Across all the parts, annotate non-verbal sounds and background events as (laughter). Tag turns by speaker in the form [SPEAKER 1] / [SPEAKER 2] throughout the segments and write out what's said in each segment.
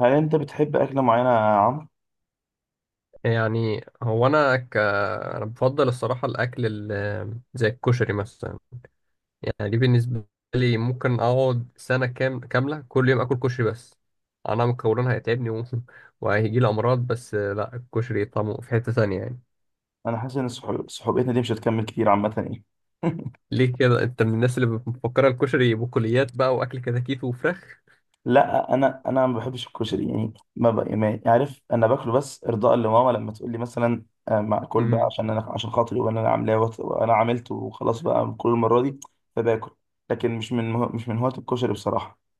[SPEAKER 1] هل انت بتحب اكله معينه يا عمرو؟
[SPEAKER 2] يعني هو انا بفضل الصراحه الاكل، زي الكشري مثلا. يعني دي بالنسبه لي، ممكن اقعد سنه كام كامله كل يوم اكل كشري. بس انا مكونها هيتعبني (laughs) وهيجي لي امراض، بس لا الكشري طعمه في حته ثانيه يعني.
[SPEAKER 1] انا حاسس ان صحوبيتنا دي مش هتكمل كتير عامه يعني.
[SPEAKER 2] ليه كده؟ انت من الناس اللي مفكره الكشري بقوليات بقى، واكل كتاكيت وفراخ؟
[SPEAKER 1] لا انا ما بحبش الكشري يعني ما عارف انا باكله بس ارضاء لماما لما تقول لي مثلا آه، معقول بقى
[SPEAKER 2] امم.
[SPEAKER 1] عشان انا عشان خاطري وانا اللي عاملاه وانا عملته وخلاص بقى كل المره دي. فباكل. لكن مش من مش من هواة الكشري بصراحه.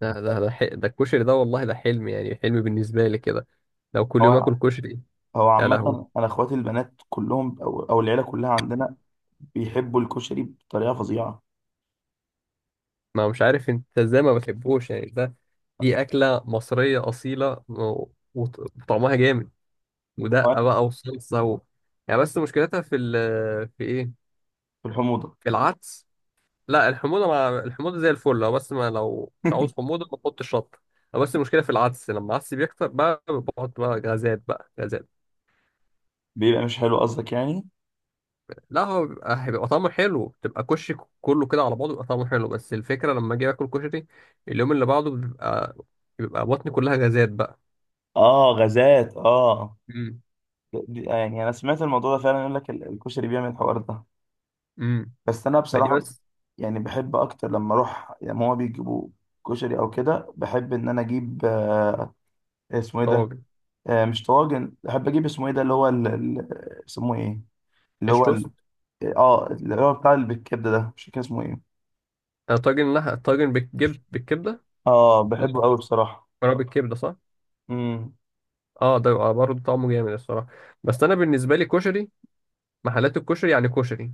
[SPEAKER 2] ده الكشري ده والله ده حلم، يعني حلم بالنسبه لي كده. لو كل يوم اكل
[SPEAKER 1] هو
[SPEAKER 2] كشري.
[SPEAKER 1] هو
[SPEAKER 2] يا لهوي.
[SPEAKER 1] عامه انا اخواتي البنات كلهم او العيله كلها عندنا بيحبوا الكشري بطريقه فظيعه.
[SPEAKER 2] ما مش عارف انت ازاي ما بتحبوش يعني، ده دي أكلة مصرية أصيلة وطعمها جامد، ودقة
[SPEAKER 1] هو
[SPEAKER 2] بقى وصلصة يعني. بس مشكلتها في إيه؟
[SPEAKER 1] في الحموضه.
[SPEAKER 2] في العدس. لا الحموضة، مع الحموضة زي الفل، لو بس ما لو مش عاوز
[SPEAKER 1] (laughs)
[SPEAKER 2] حموضة ما تحطش شطة. هو بس المشكلة في العدس، لما العدس بيكتر بقى بحط بقى غازات بقى غازات.
[SPEAKER 1] بيبقى مش حلو قصدك يعني.
[SPEAKER 2] لا هو بيبقى، هيبقى طعمه حلو، تبقى كشك كله كده على بعضه بيبقى طعمه حلو. بس الفكرة لما أجي آكل كشري، اليوم اللي بعده بيبقى، بطني كلها غازات بقى.
[SPEAKER 1] اه غازات اه.
[SPEAKER 2] امم.
[SPEAKER 1] يعني انا سمعت الموضوع ده فعلا، يقول لك الكشري بيعمل الحوار ده.
[SPEAKER 2] امم.
[SPEAKER 1] بس انا
[SPEAKER 2] فدي
[SPEAKER 1] بصراحه
[SPEAKER 2] بس.
[SPEAKER 1] يعني بحب اكتر لما اروح لما هو بيجيبوا كشري او كده، بحب ان انا اجيب آه، اسمه ايه ده؟
[SPEAKER 2] طواجن.
[SPEAKER 1] آه مش طواجن، بحب اجيب اسمه ايه ده اللي هو اسمه ايه؟ اللي هو
[SPEAKER 2] قشطة.
[SPEAKER 1] اه اللي هو بتاع اللي بالكبده ده، مش فاكر اسمه ايه.
[SPEAKER 2] آه، طاجن لحمة، طاجن بالكبدة.
[SPEAKER 1] اه بحبه
[SPEAKER 2] مكرونة
[SPEAKER 1] قوي بصراحه.
[SPEAKER 2] بالكبدة صح؟
[SPEAKER 1] امم.
[SPEAKER 2] اه ده بيبقى برضه طعمه جامد الصراحة. بس أنا بالنسبة لي كشري، محلات الكشري يعني كشري.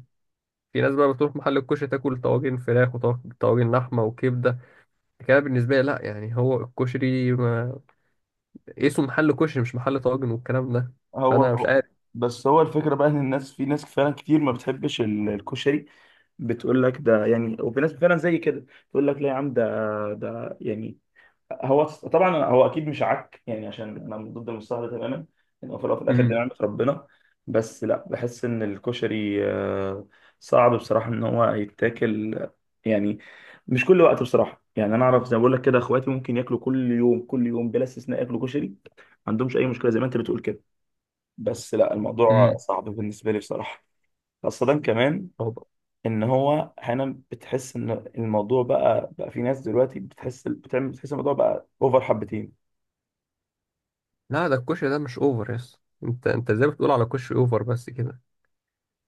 [SPEAKER 2] في ناس بقى بتروح محل الكشري تاكل طواجن فراخ وطواجن لحمة وكبدة. كده بالنسبة لي لأ، يعني هو الكشري ما... اسمه محل كشري، مش محل طواجن والكلام ده.
[SPEAKER 1] هو
[SPEAKER 2] فأنا مش
[SPEAKER 1] هو-
[SPEAKER 2] عارف.
[SPEAKER 1] بس هو الفكره بقى ان الناس، في ناس فعلا كتير ما بتحبش الكشري، بتقول لك ده يعني، وفي ناس فعلا زي كده تقول لك لا يا عم ده، ده يعني. هو طبعا هو اكيد مش عك يعني، عشان انا من ضد المصطلح ده تماما، ان هو في الأول وفي الاخر دي
[SPEAKER 2] امم.
[SPEAKER 1] نعمه ربنا. بس لا بحس ان الكشري آه، صعب بصراحه ان هو يتاكل آه، يعني مش كل وقت بصراحه. يعني انا اعرف زي ما بقول لك كده، اخواتي ممكن ياكلوا كل يوم كل يوم بلا استثناء ياكلوا كشري، ما عندهمش اي مشكله زي ما انت بتقول كده. بس لا الموضوع
[SPEAKER 2] امم.
[SPEAKER 1] صعب بالنسبه لي بصراحه. خاصه كمان
[SPEAKER 2] هو-
[SPEAKER 1] ان هو احيانا بتحس ان الموضوع بقى في ناس دلوقتي بتحس بتعمل بتحس الموضوع بقى اوفر حبتين.
[SPEAKER 2] لا ده الكشري ده مش أوفر يس. أنت إزاي بتقول على كشري أوفر بس كده؟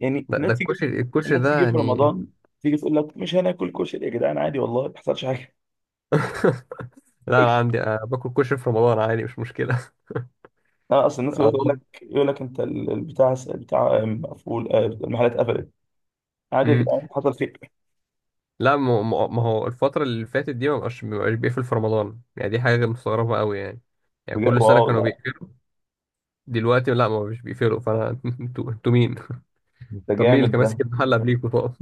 [SPEAKER 1] يعني
[SPEAKER 2] لا ده الكشري
[SPEAKER 1] الناس
[SPEAKER 2] ده
[SPEAKER 1] تيجي في
[SPEAKER 2] يعني.
[SPEAKER 1] رمضان تيجي تقول لك مش هناكل كشري يا جدعان، عادي والله ما بيحصلش حاجه.
[SPEAKER 2] (laughs) لا انا عندي أنا باكل كشري في رمضان عادي، مش مشكله. (laughs)
[SPEAKER 1] لا اصل الناس
[SPEAKER 2] اه
[SPEAKER 1] دلوقتي تقول لك
[SPEAKER 2] والله.
[SPEAKER 1] يقول لك انت البتاع مقفول آه، المحلات قفلت. عادي يا
[SPEAKER 2] امم.
[SPEAKER 1] جدعان حصل خير.
[SPEAKER 2] لا ما هو الفتره اللي فاتت دي ما بقاش بيقفل في رمضان، يعني دي حاجه مستغربه قوي يعني. يعني
[SPEAKER 1] بجد
[SPEAKER 2] كل سنه
[SPEAKER 1] واو
[SPEAKER 2] كانوا
[SPEAKER 1] ده،
[SPEAKER 2] بيقفلوا، دلوقتي لا، ما مش بيقفلوا، فانا (laughs) انتوا مين؟
[SPEAKER 1] ده
[SPEAKER 2] (laughs) طب مين اللي
[SPEAKER 1] جامد
[SPEAKER 2] كان
[SPEAKER 1] ده.
[SPEAKER 2] ماسك المحل قبليكوا طب؟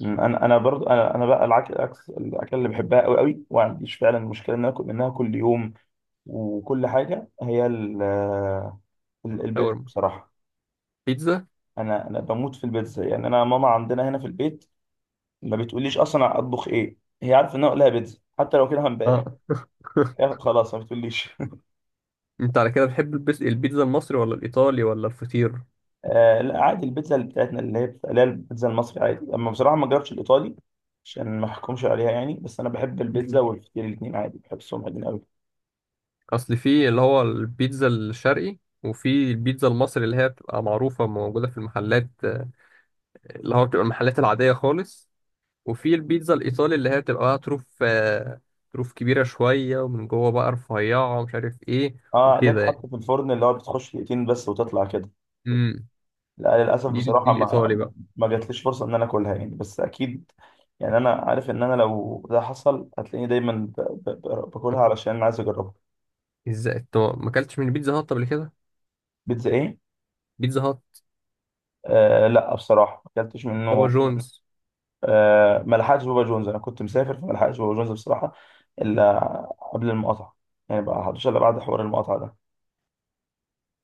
[SPEAKER 1] انا برضو انا بقى العكس، الاكل اللي بحبها قوي قوي وما عنديش فعلا مشكله ان أنا اكل منها كل يوم وكل حاجه هي البيتزا
[SPEAKER 2] شاورما.
[SPEAKER 1] بصراحة.
[SPEAKER 2] بيتزا.
[SPEAKER 1] أنا بموت في البيتزا، يعني أنا ماما عندنا هنا في البيت ما بتقوليش أصلا أطبخ إيه، هي عارفة إن أنا أقولها بيتزا حتى لو كده امبارح
[SPEAKER 2] اه. (laughs)
[SPEAKER 1] هي خلاص ما بتقوليش.
[SPEAKER 2] انت على كده بتحب البيتزا المصري ولا الايطالي ولا الفطير؟
[SPEAKER 1] (laughs) آه لا عادي البيتزا اللي بتاعتنا اللي هي اللي هي البيتزا المصري عادي، أما بصراحة ما جربتش الإيطالي عشان ما أحكمش عليها يعني. بس أنا بحب البيتزا
[SPEAKER 2] مم.
[SPEAKER 1] والفطير الاتنين عادي، بحبهم الاتنين أوي.
[SPEAKER 2] اصل في اللي هو البيتزا الشرقي، وفي البيتزا المصري اللي هي بتبقى معروفه موجوده في المحلات، اللي هو بتبقى المحلات العادية خالص. وفي البيتزا الإيطالي اللي هي بتبقى بقى طروف، طروف كبيرة شوية ومن جوه بقى رفيعة ومش عارف إيه.
[SPEAKER 1] أه اللي هي
[SPEAKER 2] وكده يعني.
[SPEAKER 1] بتتحط في الفرن اللي هو بتخش دقيقتين بس وتطلع كده.
[SPEAKER 2] امم.
[SPEAKER 1] لا للاسف
[SPEAKER 2] دي
[SPEAKER 1] بصراحه
[SPEAKER 2] الإيطالي
[SPEAKER 1] ما
[SPEAKER 2] بقى.
[SPEAKER 1] ما جاتليش فرصه ان انا اكلها يعني، بس اكيد يعني انا عارف ان انا لو ده حصل هتلاقيني دايما باكلها
[SPEAKER 2] طب
[SPEAKER 1] علشان انا عايز اجربها.
[SPEAKER 2] إزاي أنت ما أكلتش من بيتزا هات قبل كده؟
[SPEAKER 1] بيتزا ايه؟
[SPEAKER 2] بيتزا هات.
[SPEAKER 1] آه لا بصراحه ما اكلتش
[SPEAKER 2] بابا
[SPEAKER 1] منه.
[SPEAKER 2] جونز.
[SPEAKER 1] آه ما لحقتش بابا جونز، انا كنت مسافر فما لحقتش بابا جونز بصراحه. الا قبل المقاطعه. يعني بقى حدش الا بعد حوار المقاطعه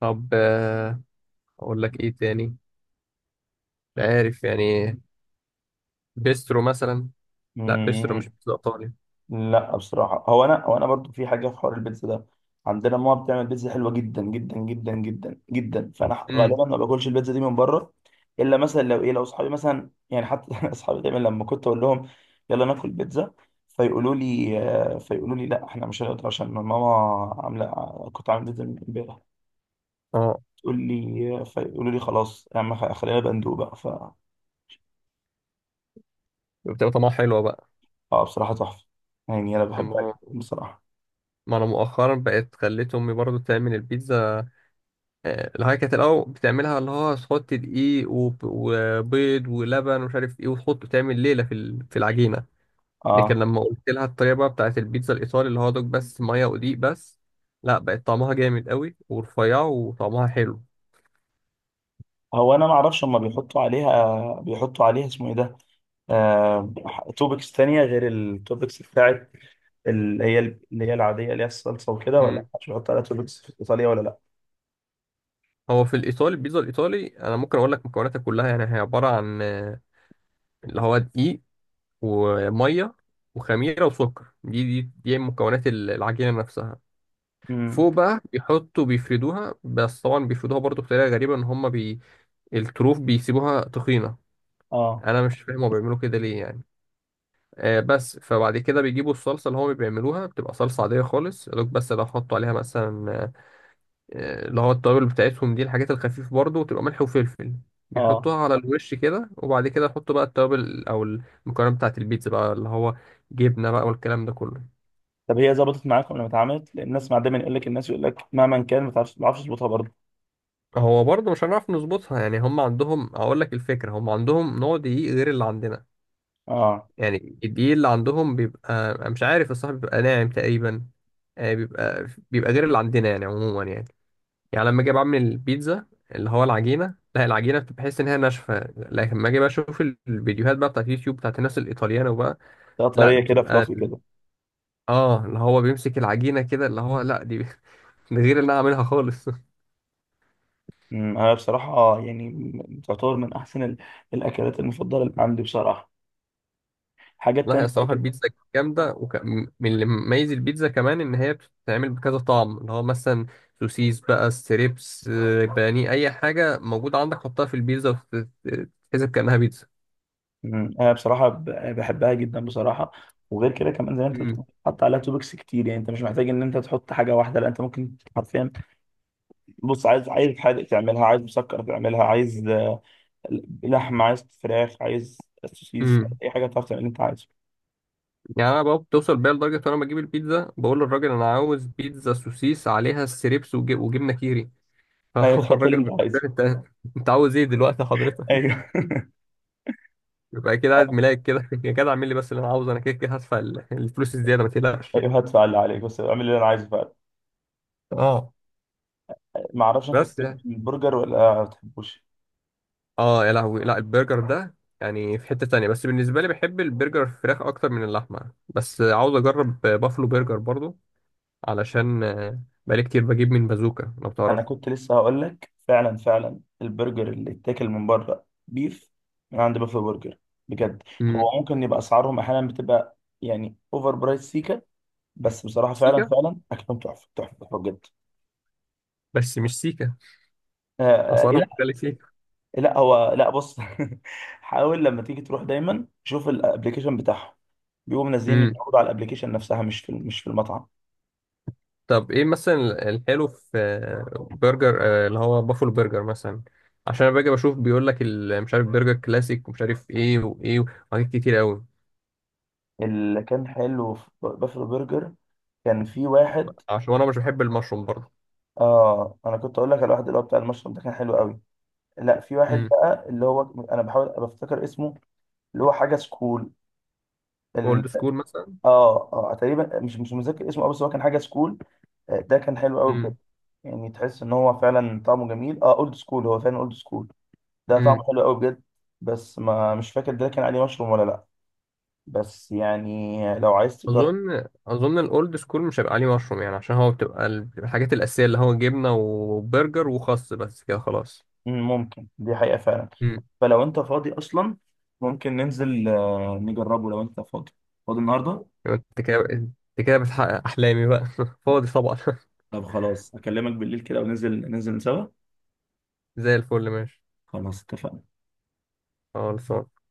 [SPEAKER 2] طب أقول لك إيه تاني؟ مش عارف يعني. بيسترو مثلا. لا بيسترو مش
[SPEAKER 1] ده.
[SPEAKER 2] بيتزا إيطالي.
[SPEAKER 1] لا بصراحة هو أنا هو أنا برضو في حاجة في حوار البيتزا ده، عندنا ماما بتعمل بيتزا حلوة جدا جدا جدا جدا جدا، فأنا
[SPEAKER 2] امم.
[SPEAKER 1] غالبا ما باكلش البيتزا دي من بره، إلا مثلا لو إيه لو أصحابي مثلا يعني. حتى (laughs) أصحابي دايما لما كنت أقول لهم يلا ناكل بيتزا، فيقولوا لي آه، فيقولوا لي لا إحنا مش هنقدر عشان ماما عاملة كنت عامل بيتزا من إمبارح.
[SPEAKER 2] أه
[SPEAKER 1] تقول لي فيقولوا لي خلاص يا عم خلينا بندوب بقى ف.
[SPEAKER 2] بتبقى طعمها حلوة بقى.
[SPEAKER 1] آه بصراحة تحفة، يعني أنا بحبها
[SPEAKER 2] ما
[SPEAKER 1] جدا بصراحة.
[SPEAKER 2] ما أنا مؤخرا بقت خليت أمي برضو تعمل البيتزا. الهاي كانت الاول بتعملها، اللي هو تحط دقيق وبيض ولبن ومش عارف ايه، وتحط تعمل ليله في في العجينه. لكن
[SPEAKER 1] آه
[SPEAKER 2] لما قلت لها الطريقه بقى بتاعت البيتزا الايطالي، اللي هو دوك بس ميه ودقيق بس، لا بقت طعمها جامد قوي ورفيعه وطعمها حلو.
[SPEAKER 1] هو انا ما اعرفش هم بيحطوا عليها اسمه ايه ده، آه... توبكس تانية غير التوبكس بتاعت اللي هي العادية اللي هي الصلصة وكده، ولا
[SPEAKER 2] امم.
[SPEAKER 1] مش بيحطوا عليها توبكس في ايطاليا ولا لا؟
[SPEAKER 2] هو في الايطالي، البيتزا الايطالي انا ممكن اقول لك مكوناتها كلها، يعني هي عباره عن اللي هو دقيق، وميه، وخميره وسكر. دي مكونات العجينه نفسها.
[SPEAKER 1] امم.
[SPEAKER 2] فوق بقى بيحطوا بيفردوها، بس طبعا بيفردوها برضو بطريقة غريبة، ان هما الطروف بيسيبوها تخينة.
[SPEAKER 1] اه
[SPEAKER 2] انا مش فاهم هو بيعملوا كده ليه يعني. آه بس فبعد كده بيجيبوا الصلصة اللي هما بيعملوها، بتبقى صلصة عادية خالص يا دوب، بس لو حطوا عليها مثلا اللي هو التوابل بتاعتهم، دي الحاجات الخفيفة برضو، وتبقى ملح وفلفل.
[SPEAKER 1] اه.
[SPEAKER 2] بيحطوها على الوش كده، وبعد كده يحطوا بقى التوابل او المكونات بتاعت البيتزا بقى، اللي هو جبنة بقى والكلام ده كله.
[SPEAKER 1] طب هي ظبطت معاكم لما اتعملت؟ لان الناس مع دايما يقول لك الناس يقول لك مهما كان ما تعرفش ما تعرفش تظبطها برضه.
[SPEAKER 2] هو برضه مش هنعرف نظبطها، يعني هم عندهم، اقول لك الفكره، هم عندهم نوع دقيق غير اللي عندنا.
[SPEAKER 1] اه
[SPEAKER 2] يعني الدقيق اللي عندهم بيبقى مش عارف الصراحه، بيبقى ناعم تقريبا. بيبقى غير اللي عندنا يعني، عموما يعني. يعني لما اجي بعمل البيتزا، اللي هو العجينه، لا العجينه بتبقى بحس ان هي ناشفه. لكن لما اجي بقى اشوف الفيديوهات بقى بتاعت اليوتيوب بتاعت الناس الايطاليانو بقى،
[SPEAKER 1] ده
[SPEAKER 2] لا
[SPEAKER 1] طريه كده
[SPEAKER 2] بتبقى،
[SPEAKER 1] فلافي كده.
[SPEAKER 2] اه اللي هو بيمسك العجينه كده اللي هو، لا دي (laughs) دي غير اللي انا عاملها خالص.
[SPEAKER 1] امم. انا بصراحه آه، تعتبر من احسن الاكلات المفضله اللي عندي بصراحه. الحاجات
[SPEAKER 2] لا هي
[SPEAKER 1] التانية
[SPEAKER 2] الصراحة
[SPEAKER 1] برضو.
[SPEAKER 2] البيتزا جامدة، من اللي مميز البيتزا كمان إن هي بتتعمل بكذا طعم، اللي هو مثلا سوسيس بقى، ستريبس، بانيه، أي حاجة موجودة عندك حطها في البيتزا وتتحسب كأنها بيتزا.
[SPEAKER 1] مم. انا بصراحه بحبها جدا بصراحه. وغير كده كمان زي ما انت
[SPEAKER 2] مم.
[SPEAKER 1] بتقول حط عليها توبكس كتير، يعني انت مش محتاج ان انت تحط حاجه واحده، لا انت ممكن حرفيا. بص، عايز عايز حادق تعملها، عايز مسكر تعملها، عايز آه، لحمه، عايز فراخ، عايز سوسيس،
[SPEAKER 2] مم.
[SPEAKER 1] اي حاجه تعرف تعمل اللي انت عايزه.
[SPEAKER 2] يعني أنا بقى بتوصل بيا لدرجة وأنا بجيب البيتزا بقول للراجل أنا عاوز بيتزا سوسيس عليها ستريبس وجبنة كيري. (laughs)
[SPEAKER 1] ايوه
[SPEAKER 2] فهو
[SPEAKER 1] تحط اللي
[SPEAKER 2] الراجل بيقول،
[SPEAKER 1] انت عايزه.
[SPEAKER 2] أنت أنت عاوز إيه دلوقتي حضرتك؟
[SPEAKER 1] ايوه.
[SPEAKER 2] يبقى كده قاعد
[SPEAKER 1] (laughs)
[SPEAKER 2] ملاك كده. (laughs) يا جدع اعمل لي بس اللي أنا عاوزه، أنا كده كده هدفع الفلوس الزيادة، ما تقلقش.
[SPEAKER 1] ايوه هدفع اللي عليك بس اعمل اللي انا عايزه فعلا.
[SPEAKER 2] اه
[SPEAKER 1] ما اعرفش انت
[SPEAKER 2] بس
[SPEAKER 1] بتحب
[SPEAKER 2] يعني.
[SPEAKER 1] البرجر ولا ما بتحبوش؟
[SPEAKER 2] اه يا لهوي، لا البرجر ده يعني في حتة تانية، بس بالنسبة لي بحب البرجر الفراخ أكتر من اللحمة، بس عاوز أجرب بافلو برجر برضو. علشان بقالي كتير بجيب من بازوكا لو
[SPEAKER 1] انا
[SPEAKER 2] تعرف.
[SPEAKER 1] كنت لسه هقول لك، فعلا فعلا البرجر اللي اتاكل من بره بيف من عند بافلو برجر بجد. هو
[SPEAKER 2] امم.
[SPEAKER 1] ممكن يبقى اسعارهم احيانا بتبقى يعني اوفر برايس سيكا، بس بصراحه فعلا
[SPEAKER 2] سيكا.
[SPEAKER 1] فعلا اكلهم تحفه تحفه تحفه بجد.
[SPEAKER 2] بس مش سيكا.
[SPEAKER 1] آه. آه،
[SPEAKER 2] أسعارها
[SPEAKER 1] لا
[SPEAKER 2] مختلفة سيكا.
[SPEAKER 1] لا. هو لا بص (laughs) حاول لما تيجي تروح دايما شوف الابلكيشن بتاعهم، بيبقوا منزلين
[SPEAKER 2] امم.
[SPEAKER 1] العروض على الابلكيشن نفسها مش في مش في المطعم.
[SPEAKER 2] طب إيه مثلا الحلو في برجر اللي هو بافلو برجر مثلا؟ عشان أنا باجي بشوف بيقول لك مش عارف برجر كلاسيك ومش عارف إيه وإيه، وحاجات كتير أوي.
[SPEAKER 1] اللي كان حلو في بافلو برجر، كان في واحد.
[SPEAKER 2] عشان أنا مش بحب المشروم برضو.
[SPEAKER 1] اه انا كنت اقول لك على الواحد اللي هو بتاع المشروم ده، كان حلو قوي. لا في واحد
[SPEAKER 2] امم.
[SPEAKER 1] بقى اللي هو انا بحاول بفتكر اسمه، اللي هو حاجه سكول، ال...
[SPEAKER 2] أولد سكول مثلا.
[SPEAKER 1] اه اه تقريبا مش مش متذكر اسمه أوي، بس هو كان حاجه سكول آه، ده كان حلو قوي بجد. يعني تحس ان هو فعلا طعمه جميل. اه اولد سكول هو فعلا اولد سكول، ده طعمه
[SPEAKER 2] امم.
[SPEAKER 1] حلو قوي بجد. بس ما مش فاكر ده كان عليه مشروم ولا لا، بس يعني لو عايز تجرب.
[SPEAKER 2] اظن الاولد سكول مش هيبقى عليه مشروم، يعني عشان هو بتبقى بتبقى الحاجات الاساسيه، اللي هو جبنه وبرجر وخس بس كده خلاص.
[SPEAKER 1] ممكن دي حقيقه فعلا.
[SPEAKER 2] امم.
[SPEAKER 1] فلو انت فاضي اصلا، ممكن ننزل آه، نجربه لو انت فاضي، فاضي النهارده.
[SPEAKER 2] يبقى انت كده بتحقق احلامي بقى. (laughs) فاضي طبعا.
[SPEAKER 1] طب خلاص اكلمك بالليل كده وننزل سوا.
[SPEAKER 2] (laughs) زي الفل ماشي.
[SPEAKER 1] خلاص اتفقنا.
[SPEAKER 2] خلاص.